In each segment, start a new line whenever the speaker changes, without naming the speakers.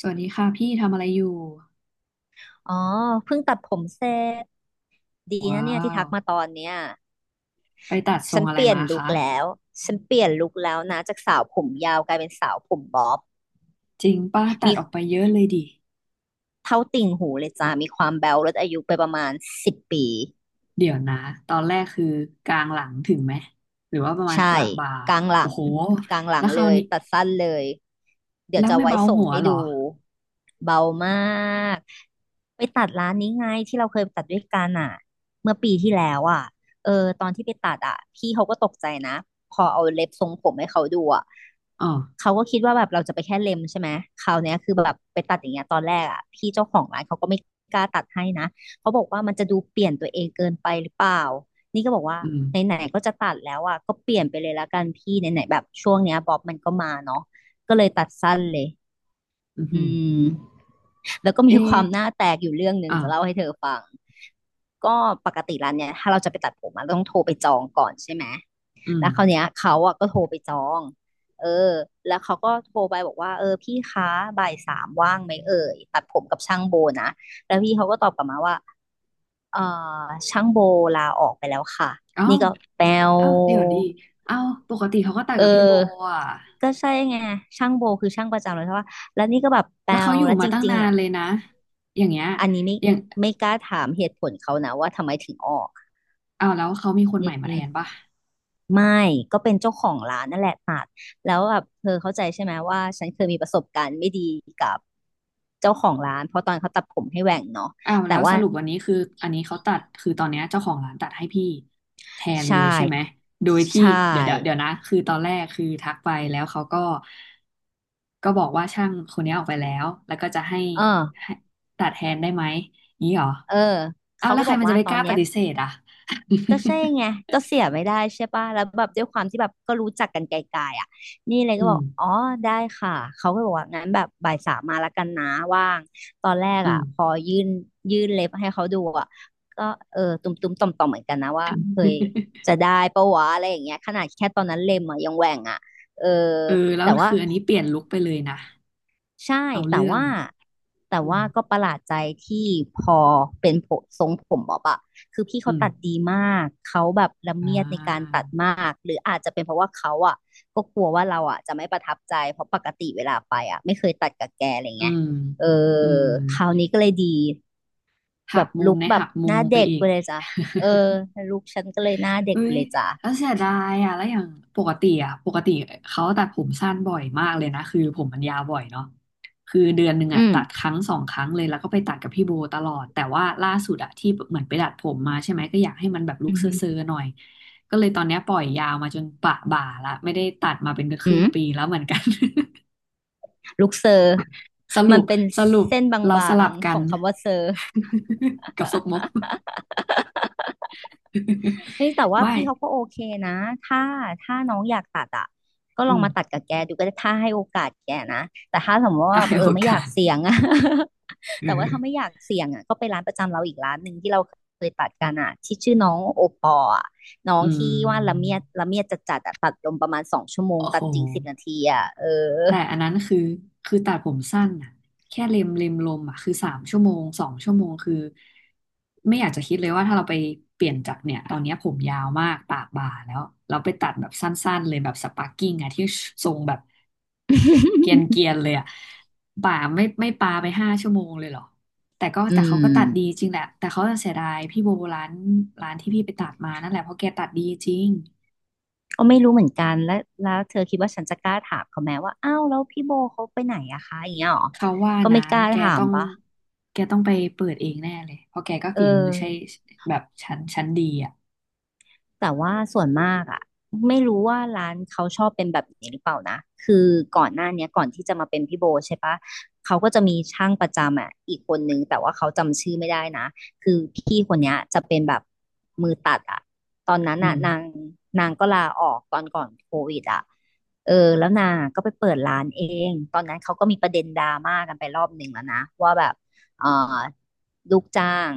สวัสดีค่ะพี่ทำอะไรอยู่
อ๋อ เพิ่งตัดผมเสร็จดีนะ
ว้า
เนี่ยที่ทั
ว
กมาตอนเนี้ย
ไปตัดทร
ฉั
ง
น
อะไร
เปลี่ยน
มา
ลุค
คะ
แล้ว ฉันเปลี่ยนลุคแล้วนะจากสาวผมยาวกลายเป็นสาวผมบ๊อบ
จริงป้าตั
มี
ดออกไปเยอะเลยดิ
เท่าติ่งหูเลยจ้า มีความแบ๊วลดอายุไปประมาณ10 ปี
เดี๋ยวนะตอนแรกคือกลางหลังถึงไหมหรือว่าประมาณป
ใช่
ระบ่า
กลางหลั
โอ้
ง
โห
กลางหลั
แล้
ง
วครา
เล
ว
ย
นี้
ตัดสั้นเลยเดี๋ย
แล้
ว
ว
จะ
ไม่
ไว้
เบา
ส่ง
หัว
ให้
เหรอ
ดูเบามากไปตัดร้านนี้ไงที่เราเคยไปตัดด้วยกันอ่ะเมื่อปีที่แล้วอ่ะเออตอนที่ไปตัดอ่ะพี่เขาก็ตกใจนะพอเอาเล็บทรงผมให้เขาดูอ่ะ
อ๋อ
เขาก็คิดว่าแบบเราจะไปแค่เล็มใช่ไหมคราวเนี้ยคือแบบไปตัดอย่างเงี้ยตอนแรกอ่ะพี่เจ้าของร้านเขาก็ไม่กล้าตัดให้นะเขาบอกว่ามันจะดูเปลี่ยนตัวเองเกินไปหรือเปล่า นี่ก็บอกว่า
อืม
ไหนๆก็จะตัดแล้วอ่ะก็เปลี่ยนไปเลยละกันพี่ไหนๆแบบช่วงเนี้ยบ๊อบมันก็มาเนาะก็เลยตัดสั้นเลย
อืมอ
อื
หือ
มแล้วก็
เอ
มีความหน้าแตกอยู่เรื่องหนึ่ง
อ่ะ
จะเล่าให้เธอฟังก็ปกติร้านเนี่ยถ้าเราจะไปตัดผมอะเราต้องโทรไปจองก่อนใช่ไหม
อืม
แล้วคราวเนี้ยเขาอ่ะก็โทรไปจองเออแล้วเขาก็โทรไปบอกว่าเออพี่คะบ่ายสามว่างไหมเอ่ยตัดผมกับช่างโบนะแล้วพี่เขาก็ตอบกลับมาว่า เอ่อช่างโบลาออกไปแล้วค่ะ
เอ้า
นี่ก็แปลว
เอ้าเดี๋ยวดีเอ้าปกติเขาก็ตัด
เอ
กับพี่โบ
อ
อ่ะ
ก็ใช่ไงช่างโบคือช่างประจำเลยใช่ปะแล้วนี่ก็แบบแป
แล้
ล
วเขา
ว
อยู่
แล้วจ
มาตั้ง
ริง
นา
ๆ
น
อ่ะ
เลยนะอย่างเงี้ย
อันนี้ไม่
อย่าง
ไม่กล้าถามเหตุผลเขานะว่าทำไมถึงออก
เอาแล้วเขามีคน
อื
ใหม่มาแทน
ม
ป่ะ
ไม่ก็เป็นเจ้าของร้านนั่นแหละตัดแล้วแบบเธอเข้าใจใช่ไหมว่าฉันเคยมีประสบการณ์ไม่ดีกับเจ้าของร้านเพราะตอนเขาตัดผมให้แหว่งเนาะ
อ้าวแล้
แต่
ว
ว่า
สรุปวันนี้คืออันนี้เขาตัดคือตอนเนี้ยเจ้าของร้านตัดให้พี่แทนเล
ใช่
ยใช่ไหมโดย
ใช
ที่เดี๋ยวเดี๋ยวเดี๋ย
่
วนะคือตอนแรกคือทักไปแล้วเขาก็ก็บอกว่าช่างคนนี้ออกไปแล้วแล้วก็จะให้
เออ
ให้ตัดแทนได้ไหมนี้เหรอ
เออ
อ้าว
เขา
แล้ว
ก็
ใค
บ
ร
อก
มัน
ว่า
จะไป
ตอ
ก
น
ล้าป
เนี้ย
ฏิเสธอ่ะ
ก็ใช่ไงก็เสียไม่ได้ใช่ป่ะแล้วแบบด้วยความที่แบบก็รู้จักกันไกลๆอ่ะนี่เลย
อื
ก็บอ
ม
กอ๋อได้ค่ะเขาก็บอกว่างั้นแบบบ่ายสามมาแล้วกันนะว่างตอนแรก
อื
อ่ะ
ม
พอยื่นเล็บให้เขาดูอ่ะก็เออตุ้มตุ้มต่อมต่อมๆเหมือนกันนะว่าเฮ้ยจะได้ปะวะอะไรอย่างเงี้ยขนาดแค่ตอนนั้นเล็มอ่ะยังแหว่งอ่ะเออ
เออแล้ว
แต่ว่า
คืออันนี้เป
พ
ลี่ยนลุคไปเลยนะ
ใช่
เอา
แต่
เรื่อง
ว่า
อืม
ก็ประหลาดใจที่พอเป็นผมทรงผมบ๊อบอะคือพี่
อื
เขา
ม
ตัดดีมากเขาแบบละ
อ่
เมียดในการ
า
ตัดมากหรืออาจจะเป็นเพราะว่าเขาอะก็กลัวว่าเราอะจะไม่ประทับใจเพราะปกติเวลาไปอะไม่เคยตัดกับแกอะไร
อื
เงี้ย
ม
เออ
อืม
คราวนี้ก็เลยดีแบ
หัก
บ
มุ
ลุ
ม
ค
ใน
แบบ
หักมุ
ห
ม
น้า
ไป
เด็ก
อี
ไป
ก
เลยจ้ะเออ ลุคฉันก็เลยหน้าเด็ก
เอ้
ไป
ย
เลยจ้ะ
แล้วเสียดายอ่ะแล้วอย่างปกติอ่ะปกติเขาตัดผมสั้นบ่อยมากเลยนะคือผมมันยาวบ่อยเนาะคือเดือนหนึ่ง
อื
อ่ะ
ม
ตัดครั้งสองครั้งเลย แล้วก็ไปตัดกับพี่โบตลอด แต่ว่าล่าสุดอ่ะที่เหมือนไปดัดผมมาใช่ไหมก็อยากให้มันแบบลุ
อื
ค
มอหือ
เซ่อๆหน่อยก็เลยตอนเนี้ยปล่อยยาวมาจนปะบ่าละไม่ได้ตัดมาเป็นค
อื
รึ่ง
ม
ปีแล้วเหมือนกัน
ลุคเซอร์
สรุ
มัน
ป
เป็น
สรุป
เส้นบา
เราสลั
ง
บกั
ๆข
น
องคำว่าเซอร์
กับซกมก
เฮ้ยแต่ว่า
ไม่
พี่เขาก็โอเคนะถ้าถ้าน้องอยากตัดอ่ะก็
อื
ลอง
ม
มาตัดกับแกดูก็ได้ถ้าให้โอกาสแกนะแต่ถ้าสมมติว่า
ได้
แบบเอ
โอ
อไม่อยา
กา
ก
ส
เสี่ยงอ่ะ
เอ
แต่ว่าถ้าไม่อ
อ
ยากเสี่ยงอ่ะก็ไปร้านประจำเราอีกร้านหนึ่งที่เราเคยตัดกันอ่ะที่ชื่อน้องโอปอล์อะน้อ
อื
งที่ว่าละเมี
ม
ยดละเมียดจดจัดอะตัดลมประมาณ2 ชั่วโมง
โอ้โห
ตัดจริง10 นาทีอ่ะเออ
แต่อันนั้นคือ คือตัดผมสั้นอ่ะแค่เล็มเล็มลมอ่ะคือสามชั่วโมงสองชั่วโมงคือไม่อยากจะคิดเลยว่าถ้าเราไปเปลี่ยนจากเนี่ยตอนเนี้ยผมยาวมากปากบ่าแล้วเราไปตัดแบบสั้นๆเลยแบบสปาร์กิ้งอ่ะที่ทรงแบบเกรียนเกีย นเลยอ่ะบ่าไม่ไม่ปาไปห้าชั่วโมงเลยเหรอแต่ก็
อื
แต่เขาก็ตัดดี
ม
จริงแหละแต่เขาจะเสียดายพี่โบร้านร้านที่พี่ไปตัดมานั่นแหละเพราะแกตัดดีจริง
ก็ไม่รู้เหมือนกันแล้วแล้วเธอคิดว่าฉันจะกล้าถามเขาไหมว่าอ้าวแล้วพี่โบเขาไปไหนอะคะอย่างเงี้ยหรอ
เขาว่า
ก็
นะ
ไม่กล้า
แก
ถา
ต้
ม
อง
ปะ
แกต้องไปเปิดเองแน่เลยเพราะแกก็
เออ
ฝีมือใช่แบบชั้นชั้นดีอ่ะ
แต่ว่าส่วนมากอ่ะไม่รู้ว่าร้านเขาชอบเป็นแบบนี้หรือเปล่านะคือก่อนหน้าเนี้ยก่อนที่จะมาเป็นพี่โบใช่ปะเขาก็จะมีช่างประจำอ่ะอีกคนนึงแต่ว่าเขาจำชื่อไม่ได้นะคือพี่คนเนี้ยจะเป็นแบบมือตัดอ่ะตอนนั้น
อื
อ่ะ
ม
นางก็ลาออกตอนก่อนโควิดอ่ะเออแล้วนางอะก็ไปเปิดร้านเองตอนนั้นเขาก็มีประเด็นดราม่ากันไปรอบหนึ่งแล้วนะว่าแบบเอ่อลูกจ้าง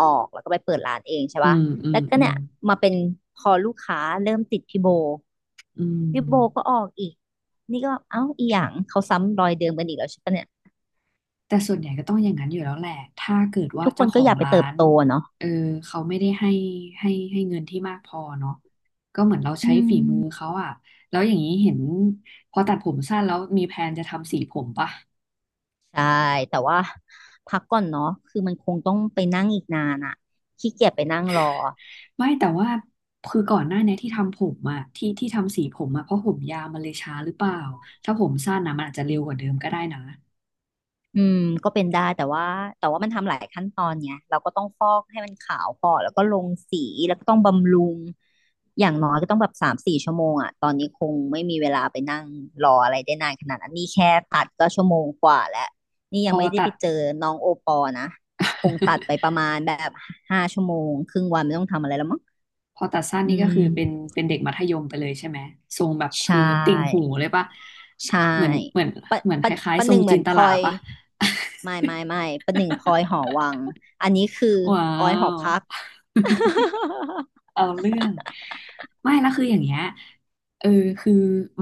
ออกแล้วก็ไปเปิดร้านเองใช่
อื
ปะ
มอื
แล้
ม
วก็
อื
เนี่
ม
ยมาเป็นพอลูกค้าเริ่มติดพี่โบ
อื
พี่โบก็
ม
ออกอีกนี่ก็เอ้าอีหยังเขาซ้ำรอยเดิมกันอีกแล้วใช่ปะเนี่ย
แต่ส่วนใหญ่ก็ต้องอย่างนั้นอยู่แล้วแหละ ถ้าเกิดว่า
ทุกค
เจ้า
น
ข
ก็
อ
อ
ง
ยากไป
ร้า
เติบ
น
โตอะเนาะ
เออเขาไม่ได้ให้ให้เงินที่มากพอเนาะก็เหมือนเราใช้ฝีมือเขาอ่ะแล้วอย่างนี้เห็นพอตัดผมสั้นแล้วมีแพลนจะทำสีผมปะ
ใช่แต่ว่าพักก่อนเนาะคือมันคงต้องไปนั่งอีกนานอะขี้เกียจไปนั่งรอ
ไม่แต่ว่าคือก่อนหน้าเนี้ยที่ทำผมอะที่ทำสีผมอะเพราะผมยาวมันเลยช้าหรือเปล่าถ้าผมสั้นนะมันอาจจะเร็วกว่าเดิมก็ได้นะ
อืมก็เป็นได้แต่ว่ามันทำหลายขั้นตอนไงเราก็ต้องฟอกให้มันขาวก่อนแล้วก็ลงสีแล้วก็ต้องบำรุงอย่างน้อยก็ต้องแบบ3-4 ชั่วโมงอ่ะตอนนี้คงไม่มีเวลาไปนั่งรออะไรได้นานขนาดนั้นนี่แค่ตัดก็ชั่วโมงกว่าแล้วนี่
พ
ยัง
อ
ไม่ได้
ตั
ไป
ด
เจอน้องโอปอนะคงตัดไปประ มาณแบบ5 ชั่วโมงครึ่งวันไม่ต้องทำอะไรแล้วมั้ง
พอตัดสั้นนี่
อื
ก็คื
ม
อเป็นเด็กมัธยมไปเลยใช่ไหมทรงแบบ
ใช
คือติ่งหูเล
่
ยปะ
ใช่
เหมือนเหมือน
ปะ
เหมือนค
ปะ
ล้าย
ประ
ๆท
ห
รง
นึ่งเหมื
จิ
อ
น
น
ต
พล
ลา
อย
ปะ
ไม่ไม่ไม่ประหนึ่งพลอยหอวังอันนี้คือ
ว้า
ออยหอ
ว
พัก
เอาเรื่องไม่แล้วคืออย่างเงี้ยเออคือ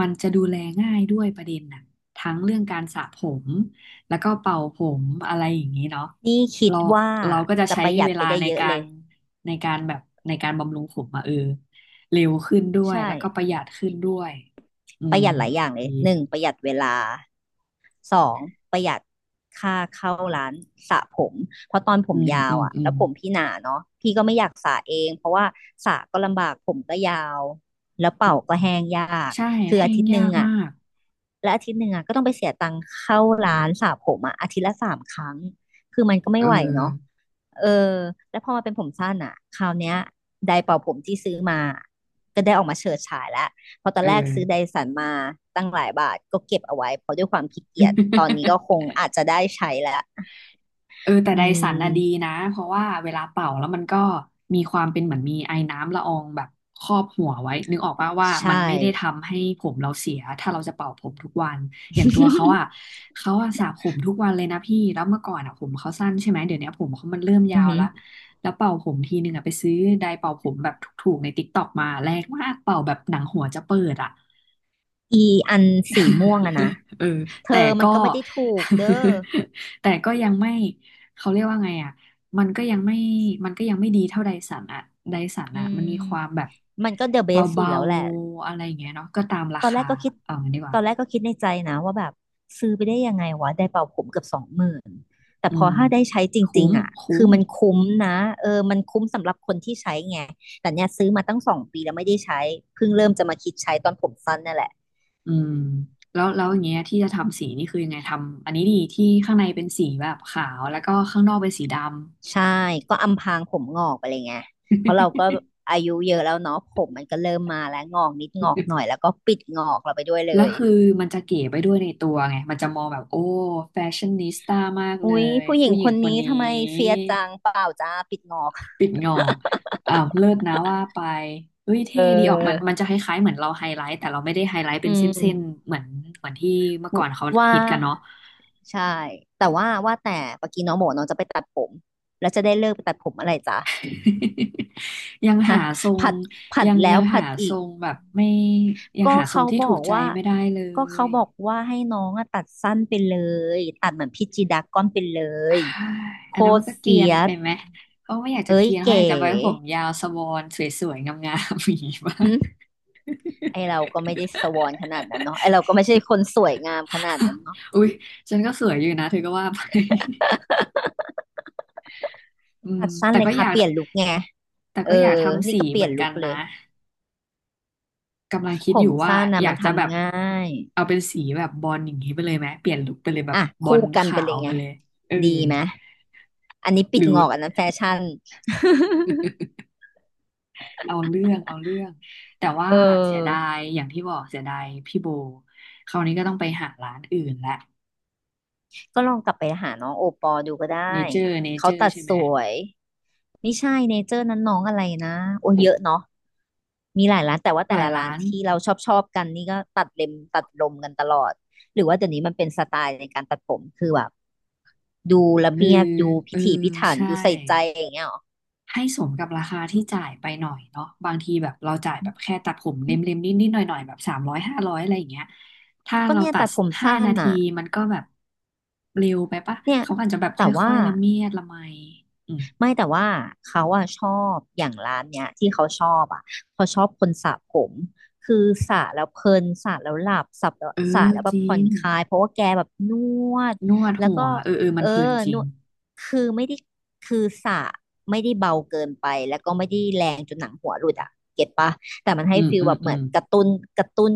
มันจะดูแลง่ายด้วยประเด็นน่ะทั้งเรื่องการสระผมแล้วก็เป่าผมอะไรอย่างนี้เนาะ
นี่คิด
เรา
ว่า
ก็จะ
จะ
ใช้
ประหยั
เว
ดไป
ลา
ได้
ใน
เยอะ
กา
เล
ร
ย
ในการแบบในการบำรุงผมมาเออเร็วขึ้นด้วย
ใช่
แล้วก็ประหยัดขึ้นด้วยอื
ประ
ม
หยัดหลายอย่างเล
ดี
ยหนึ่งประหยัดเวลาสองประหยัดค่าเข้าร้านสระผมเพราะตอนผ
อื
ม
ม
ยา
อื
ว
ม
อ่ะ
อื
แล้
ม
วผมพี่หนาเนาะพี่ก็ไม่อยากสระเองเพราะว่าสระก็ลำบากผมก็ยาวแล้วเป่าก็แห้งยาก
ใช่
คือ
แห้
อา
ง
ทิตย์ห
ยา
นึ่ง
ก
อ่ะ
มาก
และอาทิตย์หนึ่งอ่ะก็ต้องไปเสียตังค์เข้าร้านสระผมอ่ะอาทิตย์ละ3 ครั้งคือมันก็
เอ
ไม่ไหวเนาะ
อ
เออ แล้วพอมาเป็นผมสั้นอ่ะคราวเนี้ยไดร์เป่าผมที่ซื้อมาก็ได้ออกมาเฉิดฉายแล้วเพอตอ
เอ
นแรกซื้อได
อ
สันมาตั้งหลายบาทก็เก็บเอาไว้เพราะด้วยความขี้เกียจตอนนี้ก็ คงอาจจะได้ใช้แล้ว
เออแต่
อื
ไดสันน่ะดี
ม
นะเพราะว่าเวลาเป่าแล้วมันก็มีความเป็นเหมือนมีไอน้ำละอองแบบครอบหัวไว้นึกออกป่ะว่า
ใช่
มันไม่ได้ทำให้ผมเราเสียถ้าเราจะเป่าผมทุกวันอย่างตัวเขาอ่ะ เขาอ่ะสระผมทุกวันเลยนะพี่แล้วเมื่อก่อนอ่ะผมเขาสั้นใช่ไหมเดี๋ยวนี้ผมเขามันเริ่ม
อื
ยา
อ
ว
หื
แล
อ
วแล้วเป่าผมทีนึงอ่ะไปซื้อไดร์เป่าผมแบบถูกๆในติ๊กต็อกมาแรงมากเป่าแบบหนังหัวจะเปิดอ่ะ
อีอันสีม่วงอะนะ
เออ
เธ
แต่
อมัน
ก็
ก็ไม่ได้ถูกเด้อ
แต่ก็ยังไม่เขาเรียกว่าไงอ่ะมันก็ยังไม่มันก็ยังไม่ดีเท่าไดสันอ่ะไดสัน
อื
อ่ะมันมีความแบ
ม
บ
มันก็เดอะเบ
เ
สสุด
บา
แล้วแหละ
ๆอะไรอย่างเงี้ยเนาะก็ตามรา
ตอนแร
คา
กก็คิด
เอางี้ดีกว่า
ตอนแรกก็คิดในใจนะว่าแบบซื้อไปได้ยังไงวะได้เป่าผมเกือบ20,000แต่
อื
พอ
ม
ถ้าได้ใช้จริ
คุ้
ง
ม
ๆอ่ะ
คุ้
คือ
ม
มันคุ้มนะเออมันคุ้มสำหรับคนที่ใช้ไง แต่เนี่ยซื้อมาตั้ง2 ปีแล้วไม่ได้ใช้เพิ่งเริ่มจะมาคิดใช้ตอนผมสั้นนั่นแหละ
อืมแล้วแล้วอย่างเงี้ยที่จะทำสีนี่คือยังไงทำอันนี้ดีที่ข้างในเป็นสีแบบขาวแล้วก็ข้างนอกเป็นสีดำ
ใช่ก็อำพรางผมงอกไปเลยไงเพราะเราก็ อายุเยอะแล้วเนาะผมมันก็เริ่มมาแล้วงอกนิดงอกหน่อยแล้วก็ปิดงอกเราไปด้วยเล
แล้ว
ย
คือมันจะเก๋ไปด้วยในตัวไง มันจะมองแบบโอ้แฟชั่นนิสต้ามากเล
อุ๊ย
ย
ผู้หญิ
ผู้
ง
หญิ
ค
ง
น
คน
นี้
นี
ทำไมเฟี
้
ยจังเปล่าจ้าปิดงอก
ปิดงอกอ้าวเลิศนะว่าไปเฮ้ย
เอ
เท่
อ
ดีออกมันมันจะคล้ายๆเหมือนเราไฮไลท์แต่เราไม่ได้ไฮไลท์เป็
อื
นเส้น
ม
ๆเหมือนเหมือนที่เมื่อก่อนเขา
ว่า
ฮิตกันเนาะ
ใช่แต่ว่าว่าแต่เมื่อกี้น้องบอกว่าน้องจะไปตัดผมแล้วจะได้เลิกไปตัดผมอะไรจ้ะ
ยังหา
ฮะ
ทรง
ผัดผัด
ยัง
แล้
ยั
ว
ง
ผั
หา
ด
ท
อี
ร
ก
งแบบไม่ยัง
ก็
หาทร
เขา
งที่
บอ
ถูก
ก
ใจ
ว่า
ไม่ได้เล
ก็เขา
ย
บอกว่าให้น้องอะตัดสั้นไปเลยตัดเหมือนพี่จีดาก้อนไปเล
ใช
ย
่
โค
อันนั้นมั
ต
น
ร
ก็เก
เฟี
รียน
ย
ไป
ส
ไหมเขาไม่อยากจะ
เอ้
เก
ย
รียนเขาอ
เก๋
ยากจะไว้ผมยาวสบอนสวยๆงามๆอย่างนี้บ้าง
หึ ไอเราก็ไม่ได้สวอนขนาดนั้นเนาะไอเราก็ไม่ใช่คนสวยงามขนาดนั้นเนาะ
อุ๊ยฉันก็สวยอยู่นะเธอก็ว่าไป อืม
ตัดสั้น
แต่
เล
ก็
ย
อ
ค่ะ
ยาก
เปลี่ยนลุคไง
แต่
เอ
ก็อยาก
อ
ทำ
นี่
สี
ก็เป
เห
ลี่
มื
ย
อ
น
นกั
ลุค
น
เล
นะ
ย
กำลังคิ
ผ
ดอ
ม
ยู่ว่า
สั้นนะ
อยา
มัน
กจะแบบ
ทำง่าย
เอาเป็นสีแบบบอลอย่างนี้ไปเลยไหมเปลี่ยนลุคไปเลยแบบ
อ่ะ
บอ
คู่
ล
กันไป
ขา
เล
ว
ย
ไป
ไง
เลยเออ
ดีไหมอันนี้ปิ
ห
ด
รือ
งอกอันนั้นแฟชั่น
เอาเรื่องเอาเรื่อง แต่ว่า
เ
เสียดา
ออ
ยอย่างที่บอกเสียดายพี่โบคราวนี้ก็ต้องไปหาร้านอื่นละ
ก็ลองกลับไปหาน้องโอปอดูก็ได้
เนเจอร์เนเจ
เขา
อร์
ตัด
ใช่ไห
ส
ม
วยไม่ใช่เนเจอร์นั้นน้องอะไรนะโอ้ยเยอะเนาะมีหลายร้านแต่ว่า
ห
แต่
ลาย
ละร้า
ร้า
น
น
ที่เราชอบชอบกันนี่ก็ตัดเล็มตัดลมกันตลอดหรือว่าเดี๋ยวนี้มันเป็นสไตล์ในการตัดผมคือแบบดูละ
คือ
เมียดดูพิ
เออ
ถีพิถัน
ใช่
ดูใส่ใจอย่างเงี้ยหรอ
ให้สมกับราคาที่จ่ายไปหน่อยเนาะบางทีแบบเราจ่ายแบบแค่ตัดผมเล็มๆนิดๆหน่อยๆแบบสามร้อยห้าร้อยอะไรอย่างเงี้ยถ้า
ก็
เรา
เนี่ย
ตัด
ตัดผม
ห้า
สั้
นา
น
ที
อ่ะ
มันก็แบบเร็วไปปะ
เนี่ย
เขาอาจจะแบบค
แต่
่
ว่า
อยๆละเมียดละไมอืม
ไม่แต่ว่าเขาอะชอบอย่างร้านเนี้ยที่เขาชอบอะเขาชอบคนสระผมคือสระแล้วเพลินสระแล้วหลับสระแล้ว
เอ
สระ
อ
แล้วแบ
จ
บ
ริ
ผ่อน
ง
คลายเพราะว่าแกแบบนวด
นวด
แล้ว
หั
ก็
วเออเออมั
เอ
น
อ
เพลินจริ
น
ง
วดคือไม่ได้คือสระไม่ได้เบาเกินไปแล้วก็ไม่ได้แรงจนหนังหัวหลุดอะเก็ตปะแต่มันให้
อืม
ฟีล
อืม
แบบ
อื
เหมือ
ม
นกระตุ้นกระตุ้น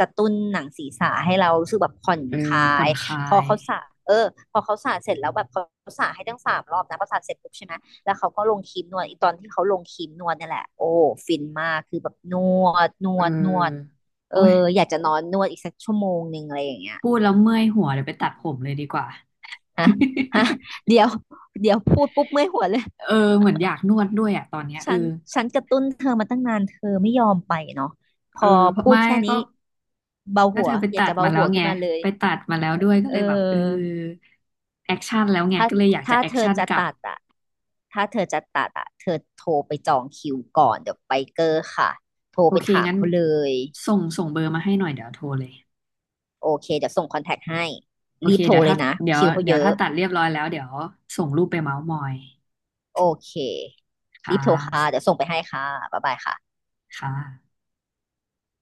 กระตุ้นหนังศีรษะให้เรารู้สึกแบบผ่อน
เออ
คลา
ผ่อ
ย
นคลา
พอ
ย
เขาสระเออพอเขาสระเสร็จแล้วแบบเขาสระให้ตั้ง3 รอบนะพอสระเสร็จปุ๊บใช่ไหมแล้วเขาก็ลงครีมนวดอีตอนที่เขาลงครีมนวดเนี่ยแหละโอ้ฟินมากคือแบบนวดน
เ
วดนวด
ออ
เออ
โอ้ย
อยากจะนอนนวดอีกสักชั่วโมงหนึ่งอะไรอย่างเงี้ย
พูดแล้วเมื่อยหัวเดี๋ยวไปตัดผมเลยดีกว่า
ฮะฮะเดี๋ยวเดี๋ยวพูดปุ๊บเมื่อยหัวเลย
เออเหมือนอยากนวดด้วยอ่ะตอนเนี้ยเออ
ฉันฉันกระตุ้นเธอมาตั้งนานเธอไม่ยอมไปเนาะพ
เออ
อ
เพราะ
พูด
ไม่
แค่
ก็
นี้เบาหั
เธ
ว
อไป
อยาก
ตัด
จะเบา
มาแล้
หั
ว
ว
ไง
ขึ้นมาเลย
ไปตัดมาแล้วด้วยก็
เอ
เล
อ
ยแบบเออแอคชั่นแล้วไง
ถ้า
ก็เลยอยากจะ
ถ้า
แอค
เธอ
ชั่น
จะ
กลับ
ตัดอ่ะถ้าเธอจะตัดอ่ะเธอโทรไปจองคิวก่อนเดี๋ยวไปเกอร์ค่ะโทร
โอ
ไป
เค
ถาม
งั้น
เขาเลย
ส่งเบอร์มาให้หน่อยเดี๋ยวโทรเลย
โอเคเดี๋ยวส่งคอนแทคให้
โอ
รี
เค
บโทร
เดี๋ยว
เล
ถ้า
ยนะ
เดี๋ยว
คิวเขาเยอะ
ถ้าตัดเรียบร้อยแล้วเดี๋ยวส่งรูปไปเม้าท์มอย
โอเค
ค่ะ
รีบโทรค่ะเดี๋ยวส่งไปให้ค่ะบ๊ายบายค่ะ
ค่ะ